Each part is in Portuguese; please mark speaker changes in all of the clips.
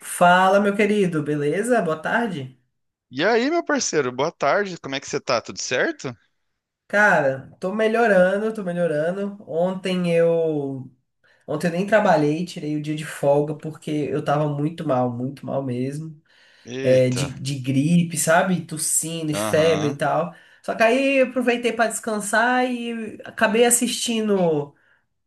Speaker 1: Fala, meu querido, beleza? Boa tarde.
Speaker 2: E aí, meu parceiro, boa tarde. Como é que você tá? Tudo certo?
Speaker 1: Cara, tô melhorando, tô melhorando. Ontem eu nem trabalhei, tirei o dia de folga porque eu tava muito mal mesmo. É, de,
Speaker 2: Eita.
Speaker 1: de gripe, sabe? Tossindo e febre e
Speaker 2: Aham.
Speaker 1: tal. Só que aí eu aproveitei pra descansar e acabei assistindo,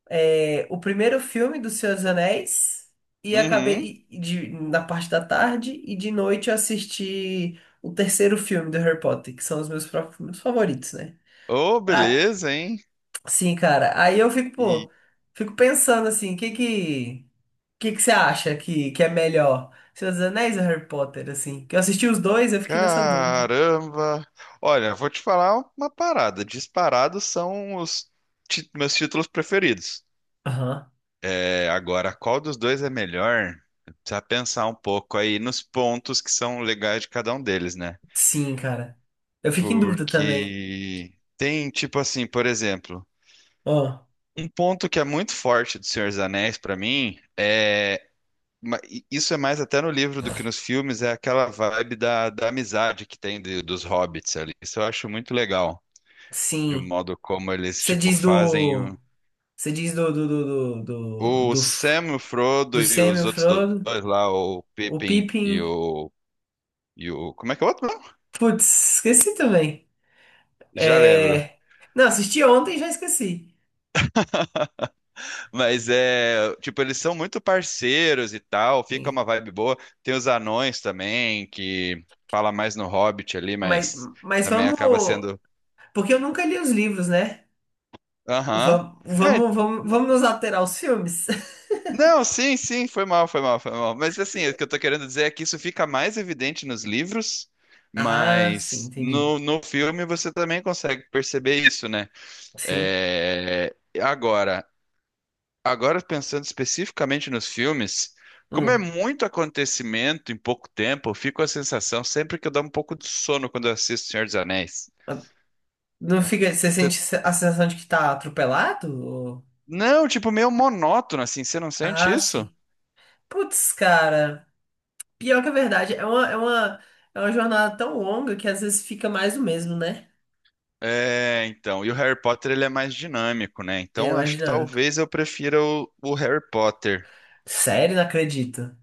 Speaker 1: é, o primeiro filme do Senhor dos Anéis e
Speaker 2: Uhum.
Speaker 1: acabei na parte da tarde e de noite eu assisti o terceiro filme do Harry Potter, que são os meus próprios filmes favoritos, né?
Speaker 2: Ô,
Speaker 1: Ah,
Speaker 2: beleza, hein?
Speaker 1: sim, cara. Aí eu fico,
Speaker 2: E
Speaker 1: pô, fico pensando assim, que que você acha que é melhor? Senhor dos Anéis ou Harry Potter, assim? Que eu assisti os dois, eu fiquei nessa dúvida.
Speaker 2: caramba. Olha, vou te falar uma parada. Disparados são os meus títulos preferidos.
Speaker 1: Aham.
Speaker 2: É, agora, qual dos dois é melhor? Precisa pensar um pouco aí nos pontos que são legais de cada um deles, né?
Speaker 1: Sim, cara. Eu fico em dúvida também.
Speaker 2: Porque tem, tipo assim, por exemplo,
Speaker 1: Ó,
Speaker 2: um ponto que é muito forte do Senhor dos Anéis pra mim é isso é mais até no livro do que nos filmes, é aquela vibe da amizade que tem dos hobbits ali. Isso eu acho muito legal, de um
Speaker 1: sim.
Speaker 2: modo como eles,
Speaker 1: Você
Speaker 2: tipo,
Speaker 1: diz
Speaker 2: fazem
Speaker 1: do
Speaker 2: o,
Speaker 1: Você diz do,
Speaker 2: o
Speaker 1: do, F-
Speaker 2: Sam, o Frodo
Speaker 1: do
Speaker 2: e
Speaker 1: Sam e
Speaker 2: os
Speaker 1: o
Speaker 2: outros
Speaker 1: Frodo,
Speaker 2: dois lá, o
Speaker 1: o
Speaker 2: Pippin e
Speaker 1: Pippin.
Speaker 2: o, e o... Como é que é o outro mesmo?
Speaker 1: Putz, esqueci também.
Speaker 2: Já lembro.
Speaker 1: É... Não, assisti ontem e já esqueci.
Speaker 2: Mas é, tipo, eles são muito parceiros e tal, fica
Speaker 1: Sim.
Speaker 2: uma vibe boa. Tem os anões também, que fala mais no Hobbit ali,
Speaker 1: Mas,
Speaker 2: mas
Speaker 1: mas
Speaker 2: também acaba
Speaker 1: vamos.
Speaker 2: sendo.
Speaker 1: Porque eu nunca li os livros, né?
Speaker 2: Aham.
Speaker 1: Vamos,
Speaker 2: É.
Speaker 1: vamos, vamos, vamos nos alterar aos filmes.
Speaker 2: Não, sim, sim, foi mal, foi mal, foi mal. Mas assim, o que eu tô querendo dizer é que isso fica mais evidente nos livros,
Speaker 1: Ah, sim,
Speaker 2: mas
Speaker 1: entendi.
Speaker 2: no filme você também consegue perceber isso, né?
Speaker 1: Sim.
Speaker 2: É, agora, pensando especificamente nos filmes, como é
Speaker 1: Hum.
Speaker 2: muito acontecimento em pouco tempo, eu fico com a sensação sempre que eu dou um pouco de sono quando eu assisto Senhor dos Anéis.
Speaker 1: Não fica. Você
Speaker 2: Você-
Speaker 1: sente a sensação de que tá atropelado?
Speaker 2: Não, tipo, meio monótono, assim, você não sente
Speaker 1: Ah,
Speaker 2: isso?
Speaker 1: sim. Putz, cara. Pior que a verdade, é uma jornada tão longa que às vezes fica mais o mesmo, né?
Speaker 2: É, então, e o Harry Potter ele é mais dinâmico, né?
Speaker 1: Ele
Speaker 2: Então,
Speaker 1: é
Speaker 2: eu
Speaker 1: mais
Speaker 2: acho que
Speaker 1: dinâmico.
Speaker 2: talvez eu prefira o Harry Potter.
Speaker 1: Sério, não acredito.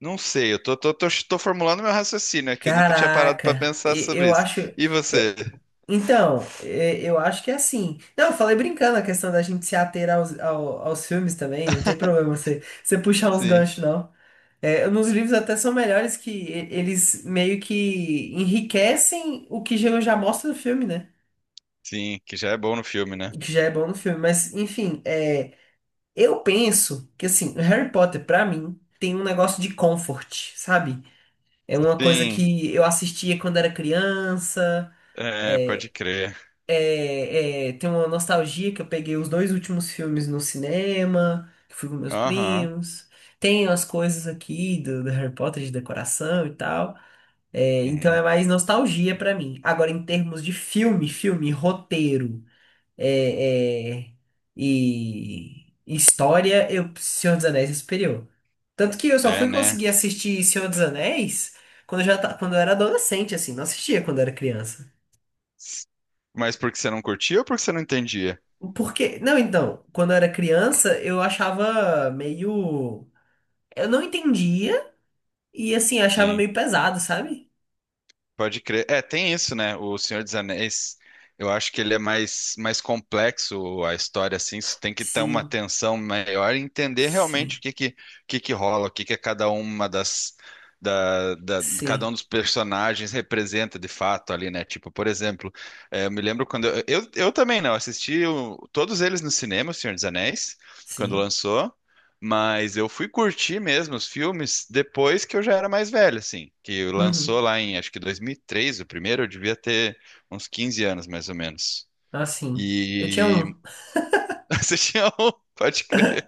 Speaker 2: Não sei, eu tô formulando meu raciocínio aqui, eu nunca tinha parado pra
Speaker 1: Caraca,
Speaker 2: pensar sobre
Speaker 1: eu
Speaker 2: isso.
Speaker 1: acho.
Speaker 2: E
Speaker 1: eu-
Speaker 2: você?
Speaker 1: então, eu acho que é assim. Não, eu falei brincando a questão da gente se ater aos filmes também, não tem problema você, puxar uns
Speaker 2: Sim,
Speaker 1: ganchos, não. É, nos livros até são melhores que eles meio que enriquecem o que já mostra no filme, né?
Speaker 2: sim, que já é bom no filme, né?
Speaker 1: O que já é bom no filme. Mas, enfim, é. Eu penso que, assim, Harry Potter, pra mim, tem um negócio de comfort, sabe? É uma coisa
Speaker 2: Sim,
Speaker 1: que eu assistia quando era criança.
Speaker 2: é, pode
Speaker 1: É,
Speaker 2: crer.
Speaker 1: é, tem uma nostalgia que eu peguei os dois últimos filmes no cinema, que fui com meus
Speaker 2: Aham,
Speaker 1: primos. Tem as coisas aqui do Harry Potter de decoração e tal. É, então
Speaker 2: uhum.
Speaker 1: é mais nostalgia pra mim. Agora, em termos de filme, filme, roteiro é, é, e história, Senhor dos Anéis é superior. Tanto que eu só
Speaker 2: É,
Speaker 1: fui
Speaker 2: né?
Speaker 1: conseguir assistir Senhor dos Anéis quando eu era adolescente, assim, não assistia quando eu era criança.
Speaker 2: Mas porque você não curtia ou porque você não entendia?
Speaker 1: Porque, não, então, quando eu era criança, eu não entendia e assim, achava
Speaker 2: Sim.
Speaker 1: meio pesado, sabe?
Speaker 2: Pode crer. É, tem isso, né? O Senhor dos Anéis, eu acho que ele é mais, complexo a história, assim. Você tem que ter uma
Speaker 1: Sim,
Speaker 2: atenção maior e entender realmente o
Speaker 1: sim,
Speaker 2: que que, o que que rola, o que que é cada uma cada um
Speaker 1: sim,
Speaker 2: dos personagens representa de fato ali, né? Tipo, por exemplo, é, eu me lembro quando eu também, né? Eu assisti todos eles no cinema, o Senhor dos Anéis, quando
Speaker 1: sim.
Speaker 2: lançou. Mas eu fui curtir mesmo os filmes depois que eu já era mais velho, assim. Que
Speaker 1: Uhum.
Speaker 2: lançou lá em, acho que 2003, o primeiro, eu devia ter uns 15 anos, mais ou menos.
Speaker 1: Assim, eu tinha
Speaker 2: E
Speaker 1: um.
Speaker 2: assistia um, pode crer,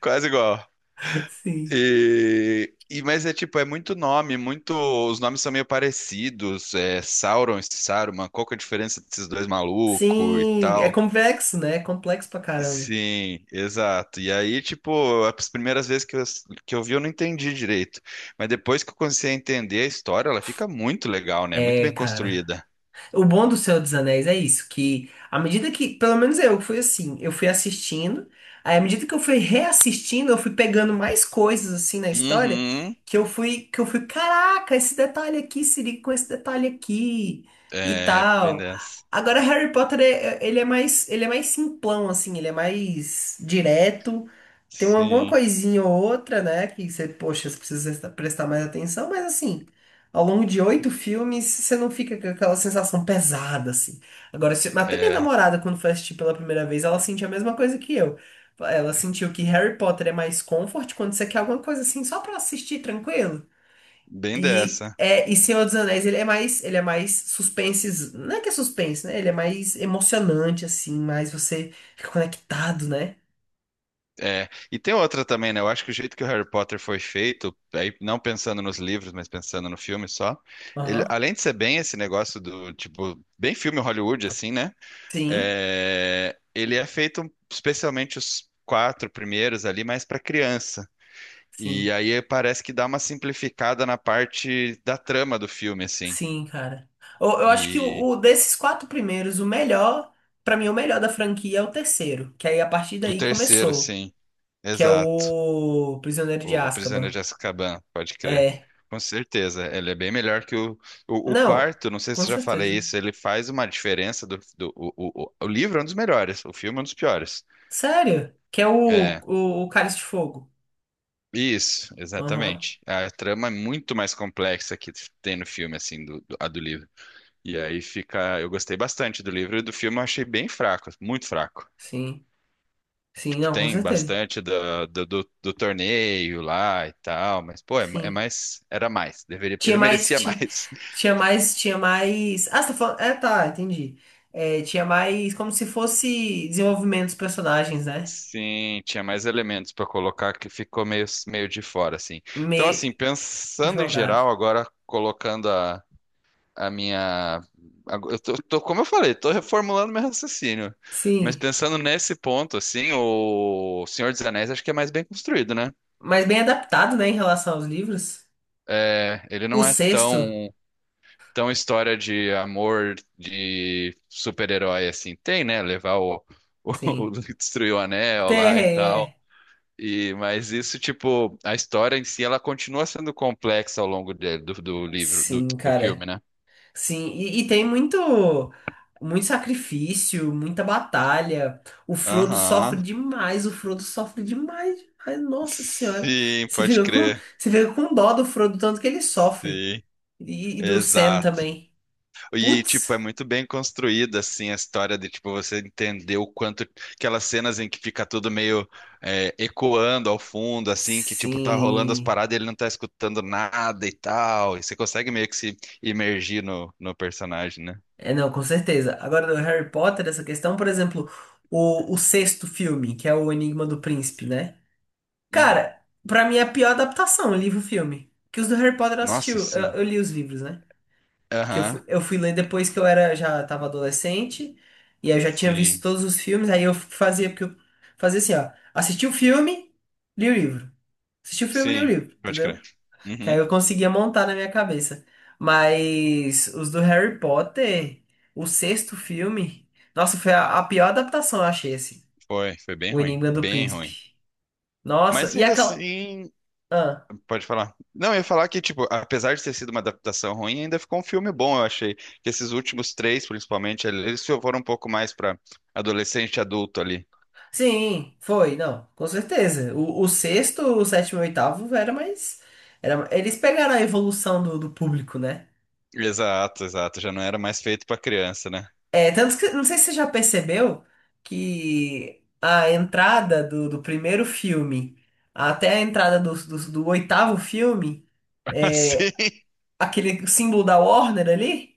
Speaker 2: quase igual.
Speaker 1: Sim.
Speaker 2: mas é tipo, é muito nome, muito. Os nomes são meio parecidos. É Sauron e Saruman, qual que é a diferença desses dois malucos e
Speaker 1: Sim, é
Speaker 2: tal?
Speaker 1: complexo, né? É complexo pra caramba.
Speaker 2: Sim, exato. E aí, tipo, as primeiras vezes que eu vi, eu não entendi direito. Mas depois que eu comecei a entender a história, ela fica muito legal, né? Muito
Speaker 1: É,
Speaker 2: bem
Speaker 1: cara.
Speaker 2: construída.
Speaker 1: O bom do Senhor dos Anéis é isso, que à medida que, pelo menos eu fui assim, eu fui assistindo, aí à medida que eu fui reassistindo, eu fui pegando mais coisas assim na história,
Speaker 2: Uhum.
Speaker 1: que eu fui, caraca, esse detalhe aqui se liga com esse detalhe aqui e
Speaker 2: É, bem
Speaker 1: tal.
Speaker 2: dessa.
Speaker 1: Agora Harry Potter ele é mais, simplão assim, ele é mais direto. Tem alguma
Speaker 2: Sim,
Speaker 1: coisinha ou outra, né, que você, poxa, você precisa prestar mais atenção, mas assim, ao longo de oito filmes, você não fica com aquela sensação pesada, assim. Agora, até minha
Speaker 2: é,
Speaker 1: namorada, quando foi assistir pela primeira vez, ela sentiu a mesma coisa que eu. Ela sentiu que Harry Potter é mais comfort quando você quer alguma coisa assim, só pra assistir tranquilo.
Speaker 2: bem
Speaker 1: E,
Speaker 2: dessa.
Speaker 1: é, e Senhor dos Anéis, ele é mais suspense, não é que é suspense, né? Ele é mais emocionante, assim, mais você fica conectado, né?
Speaker 2: É, e tem outra também, né? Eu acho que o jeito que o Harry Potter foi feito, aí não pensando nos livros, mas pensando no filme só, ele,
Speaker 1: Aham.
Speaker 2: além de ser bem esse negócio do, tipo, bem filme Hollywood, assim, né?
Speaker 1: Sim,
Speaker 2: É, ele é feito especialmente os quatro primeiros ali, mais para criança. E
Speaker 1: sim.
Speaker 2: aí parece que dá uma simplificada na parte da trama do filme, assim.
Speaker 1: Sim, cara. Eu acho que
Speaker 2: E
Speaker 1: desses quatro primeiros, o melhor, pra mim, o melhor da franquia é o terceiro, que aí a partir
Speaker 2: o
Speaker 1: daí
Speaker 2: terceiro,
Speaker 1: começou,
Speaker 2: sim,
Speaker 1: que é
Speaker 2: exato.
Speaker 1: o Prisioneiro de
Speaker 2: O Prisioneiro
Speaker 1: Azkaban.
Speaker 2: de Azkaban, pode crer.
Speaker 1: É.
Speaker 2: Com certeza, ele é bem melhor que o, o
Speaker 1: Não,
Speaker 2: quarto. Não sei
Speaker 1: com
Speaker 2: se eu já falei
Speaker 1: certeza.
Speaker 2: isso. Ele faz uma diferença do, do o livro é um dos melhores, o filme é um dos piores.
Speaker 1: Sério? Que é o,
Speaker 2: É,
Speaker 1: o, o Cálice de Fogo.
Speaker 2: isso,
Speaker 1: Aham.
Speaker 2: exatamente. A trama é muito mais complexa que tem no filme, assim, a do livro. E aí fica. Eu gostei bastante do livro e do filme eu achei bem fraco, muito fraco.
Speaker 1: Sim. Sim,
Speaker 2: Tipo,
Speaker 1: não, com
Speaker 2: tem
Speaker 1: certeza.
Speaker 2: bastante do torneio lá e tal, mas, pô, é
Speaker 1: Sim.
Speaker 2: mais. Era mais. Deveria,
Speaker 1: Tinha
Speaker 2: ele
Speaker 1: mais,
Speaker 2: merecia
Speaker 1: tinha,
Speaker 2: mais.
Speaker 1: tinha mais, tinha mais. Ah, você tá falando. É, tá, entendi. É, tinha mais como se fosse desenvolvimento dos personagens, né?
Speaker 2: Sim, tinha mais elementos pra colocar que ficou meio de fora, assim. Então, assim,
Speaker 1: Meio
Speaker 2: pensando em
Speaker 1: jogado.
Speaker 2: geral, agora colocando a minha. Eu como eu falei, tô reformulando meu raciocínio. Mas
Speaker 1: Sim,
Speaker 2: pensando nesse ponto, assim, o Senhor dos Anéis acho que é mais bem construído, né?
Speaker 1: mas bem adaptado, né, em relação aos livros.
Speaker 2: É, ele
Speaker 1: O
Speaker 2: não é
Speaker 1: sexto,
Speaker 2: tão história de amor de super-herói assim. Tem, né? Levar o, o,
Speaker 1: sim.
Speaker 2: destruir o anel
Speaker 1: Tem,
Speaker 2: lá e tal.
Speaker 1: é.
Speaker 2: E, mas isso, tipo, a história em si, ela continua sendo complexa ao longo do, do livro, do,
Speaker 1: Sim,
Speaker 2: do filme,
Speaker 1: cara.
Speaker 2: né?
Speaker 1: Sim, e tem muito, muito sacrifício, muita batalha. O Frodo sofre
Speaker 2: Aham.
Speaker 1: demais, o Frodo sofre demais, demais. Nossa Senhora.
Speaker 2: Sim,
Speaker 1: Você
Speaker 2: pode
Speaker 1: fica com,
Speaker 2: crer.
Speaker 1: você fica com dó do Frodo, tanto que ele sofre.
Speaker 2: Sim.
Speaker 1: E do Sam
Speaker 2: Exato.
Speaker 1: também.
Speaker 2: E, tipo, é
Speaker 1: Putz.
Speaker 2: muito bem construída, assim, a história de, tipo, você entender o quanto. Aquelas cenas em que fica tudo meio ecoando ao fundo, assim, que, tipo, tá rolando as
Speaker 1: Sim.
Speaker 2: paradas e ele não tá escutando nada e tal. E você consegue meio que se imergir no personagem, né?
Speaker 1: É, não, com certeza. Agora, do Harry Potter, essa questão, por exemplo, o sexto filme, que é o Enigma do Príncipe, né?
Speaker 2: Uhum.
Speaker 1: Cara, pra mim é a pior adaptação, livro-filme. Que os do Harry Potter eu assisti,
Speaker 2: Nossa,
Speaker 1: eu,
Speaker 2: sim.
Speaker 1: eu li os livros, né? Porque eu,
Speaker 2: Aham.
Speaker 1: fu- eu fui ler depois que eu era, já tava adolescente, e aí eu já tinha visto
Speaker 2: Sim.
Speaker 1: todos os filmes, aí eu fazia, porque eu fazia assim, ó, assisti o filme, li o livro. Assisti o filme, li o
Speaker 2: Sim.
Speaker 1: livro,
Speaker 2: Pode crer.
Speaker 1: entendeu? Que aí
Speaker 2: Uhum.
Speaker 1: eu conseguia montar na minha cabeça. Mas os do Harry Potter, o sexto filme, nossa, foi a pior adaptação, eu achei, assim.
Speaker 2: Foi. Foi bem
Speaker 1: O
Speaker 2: ruim.
Speaker 1: Enigma do
Speaker 2: Bem
Speaker 1: Príncipe.
Speaker 2: ruim.
Speaker 1: Nossa,
Speaker 2: Mas
Speaker 1: e
Speaker 2: ainda
Speaker 1: aquela.
Speaker 2: assim.
Speaker 1: Ah,
Speaker 2: Pode falar. Não, eu ia falar que, tipo, apesar de ter sido uma adaptação ruim, ainda ficou um filme bom, eu achei. Que esses últimos três, principalmente, eles foram um pouco mais pra adolescente e adulto ali.
Speaker 1: sim, foi, não, com certeza. O sexto, o sétimo e o oitavo era mais. Eles pegaram a evolução do público, né?
Speaker 2: Exato, exato. Já não era mais feito pra criança, né?
Speaker 1: É, tanto que, não sei se você já percebeu que a entrada do primeiro filme até a entrada do oitavo filme.
Speaker 2: Assim,
Speaker 1: Aquele símbolo da Warner ali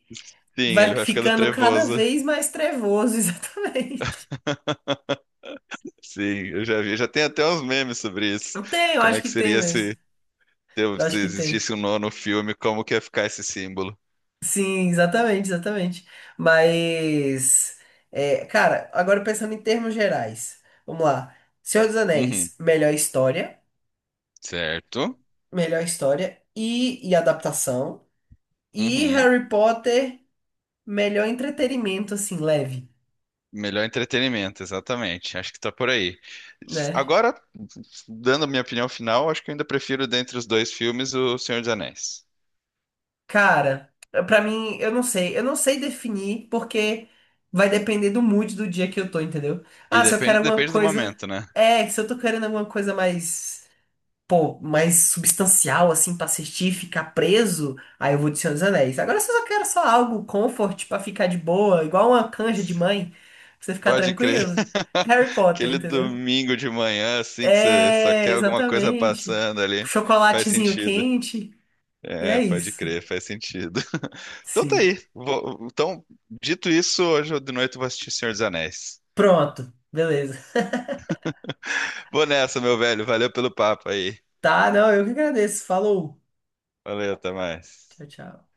Speaker 2: sim,
Speaker 1: vai
Speaker 2: ele vai ficando
Speaker 1: ficando cada
Speaker 2: trevoso.
Speaker 1: vez mais trevoso, exatamente.
Speaker 2: Sim, eu já vi. Já tem até uns memes sobre isso.
Speaker 1: Eu tenho, eu
Speaker 2: Como
Speaker 1: acho
Speaker 2: é que
Speaker 1: que tem
Speaker 2: seria
Speaker 1: mesmo.
Speaker 2: se, se
Speaker 1: Eu
Speaker 2: se
Speaker 1: acho que tem.
Speaker 2: existisse um nono filme, como que ia ficar esse símbolo?
Speaker 1: Sim, exatamente, exatamente. Mas, cara, agora pensando em termos gerais, vamos lá. Senhor dos
Speaker 2: Uhum,
Speaker 1: Anéis,
Speaker 2: certo.
Speaker 1: melhor história e adaptação. E
Speaker 2: Uhum.
Speaker 1: Harry Potter, melhor entretenimento, assim, leve,
Speaker 2: Melhor entretenimento, exatamente. Acho que tá por aí.
Speaker 1: né?
Speaker 2: Agora, dando a minha opinião final, acho que eu ainda prefiro dentre os dois filmes O Senhor dos Anéis.
Speaker 1: Cara, pra mim, eu não sei. Eu não sei definir porque vai depender do mood do dia que eu tô, entendeu?
Speaker 2: E
Speaker 1: Ah, se eu
Speaker 2: depende,
Speaker 1: quero alguma
Speaker 2: depende do
Speaker 1: coisa.
Speaker 2: momento, né?
Speaker 1: É, se eu tô querendo alguma coisa mais. Pô, mais substancial, assim, pra assistir, ficar preso, aí eu vou de Senhor dos Anéis. Agora, se eu só quero só algo comfort pra ficar de boa, igual uma canja de mãe, pra você ficar
Speaker 2: Pode crer.
Speaker 1: tranquilo, Harry Potter,
Speaker 2: Aquele
Speaker 1: entendeu?
Speaker 2: domingo de manhã, assim, que você só
Speaker 1: É,
Speaker 2: quer alguma coisa
Speaker 1: exatamente.
Speaker 2: passando ali, faz
Speaker 1: Chocolatezinho
Speaker 2: sentido.
Speaker 1: quente, e é
Speaker 2: É, pode
Speaker 1: isso.
Speaker 2: crer, faz sentido. Então tá
Speaker 1: Sim.
Speaker 2: aí. Então, dito isso, hoje de noite eu vou assistir Senhor dos Anéis.
Speaker 1: Pronto, beleza.
Speaker 2: Vou nessa, meu velho. Valeu pelo papo aí.
Speaker 1: Tá, não, eu que agradeço. Falou.
Speaker 2: Valeu, até mais.
Speaker 1: Tchau, tchau.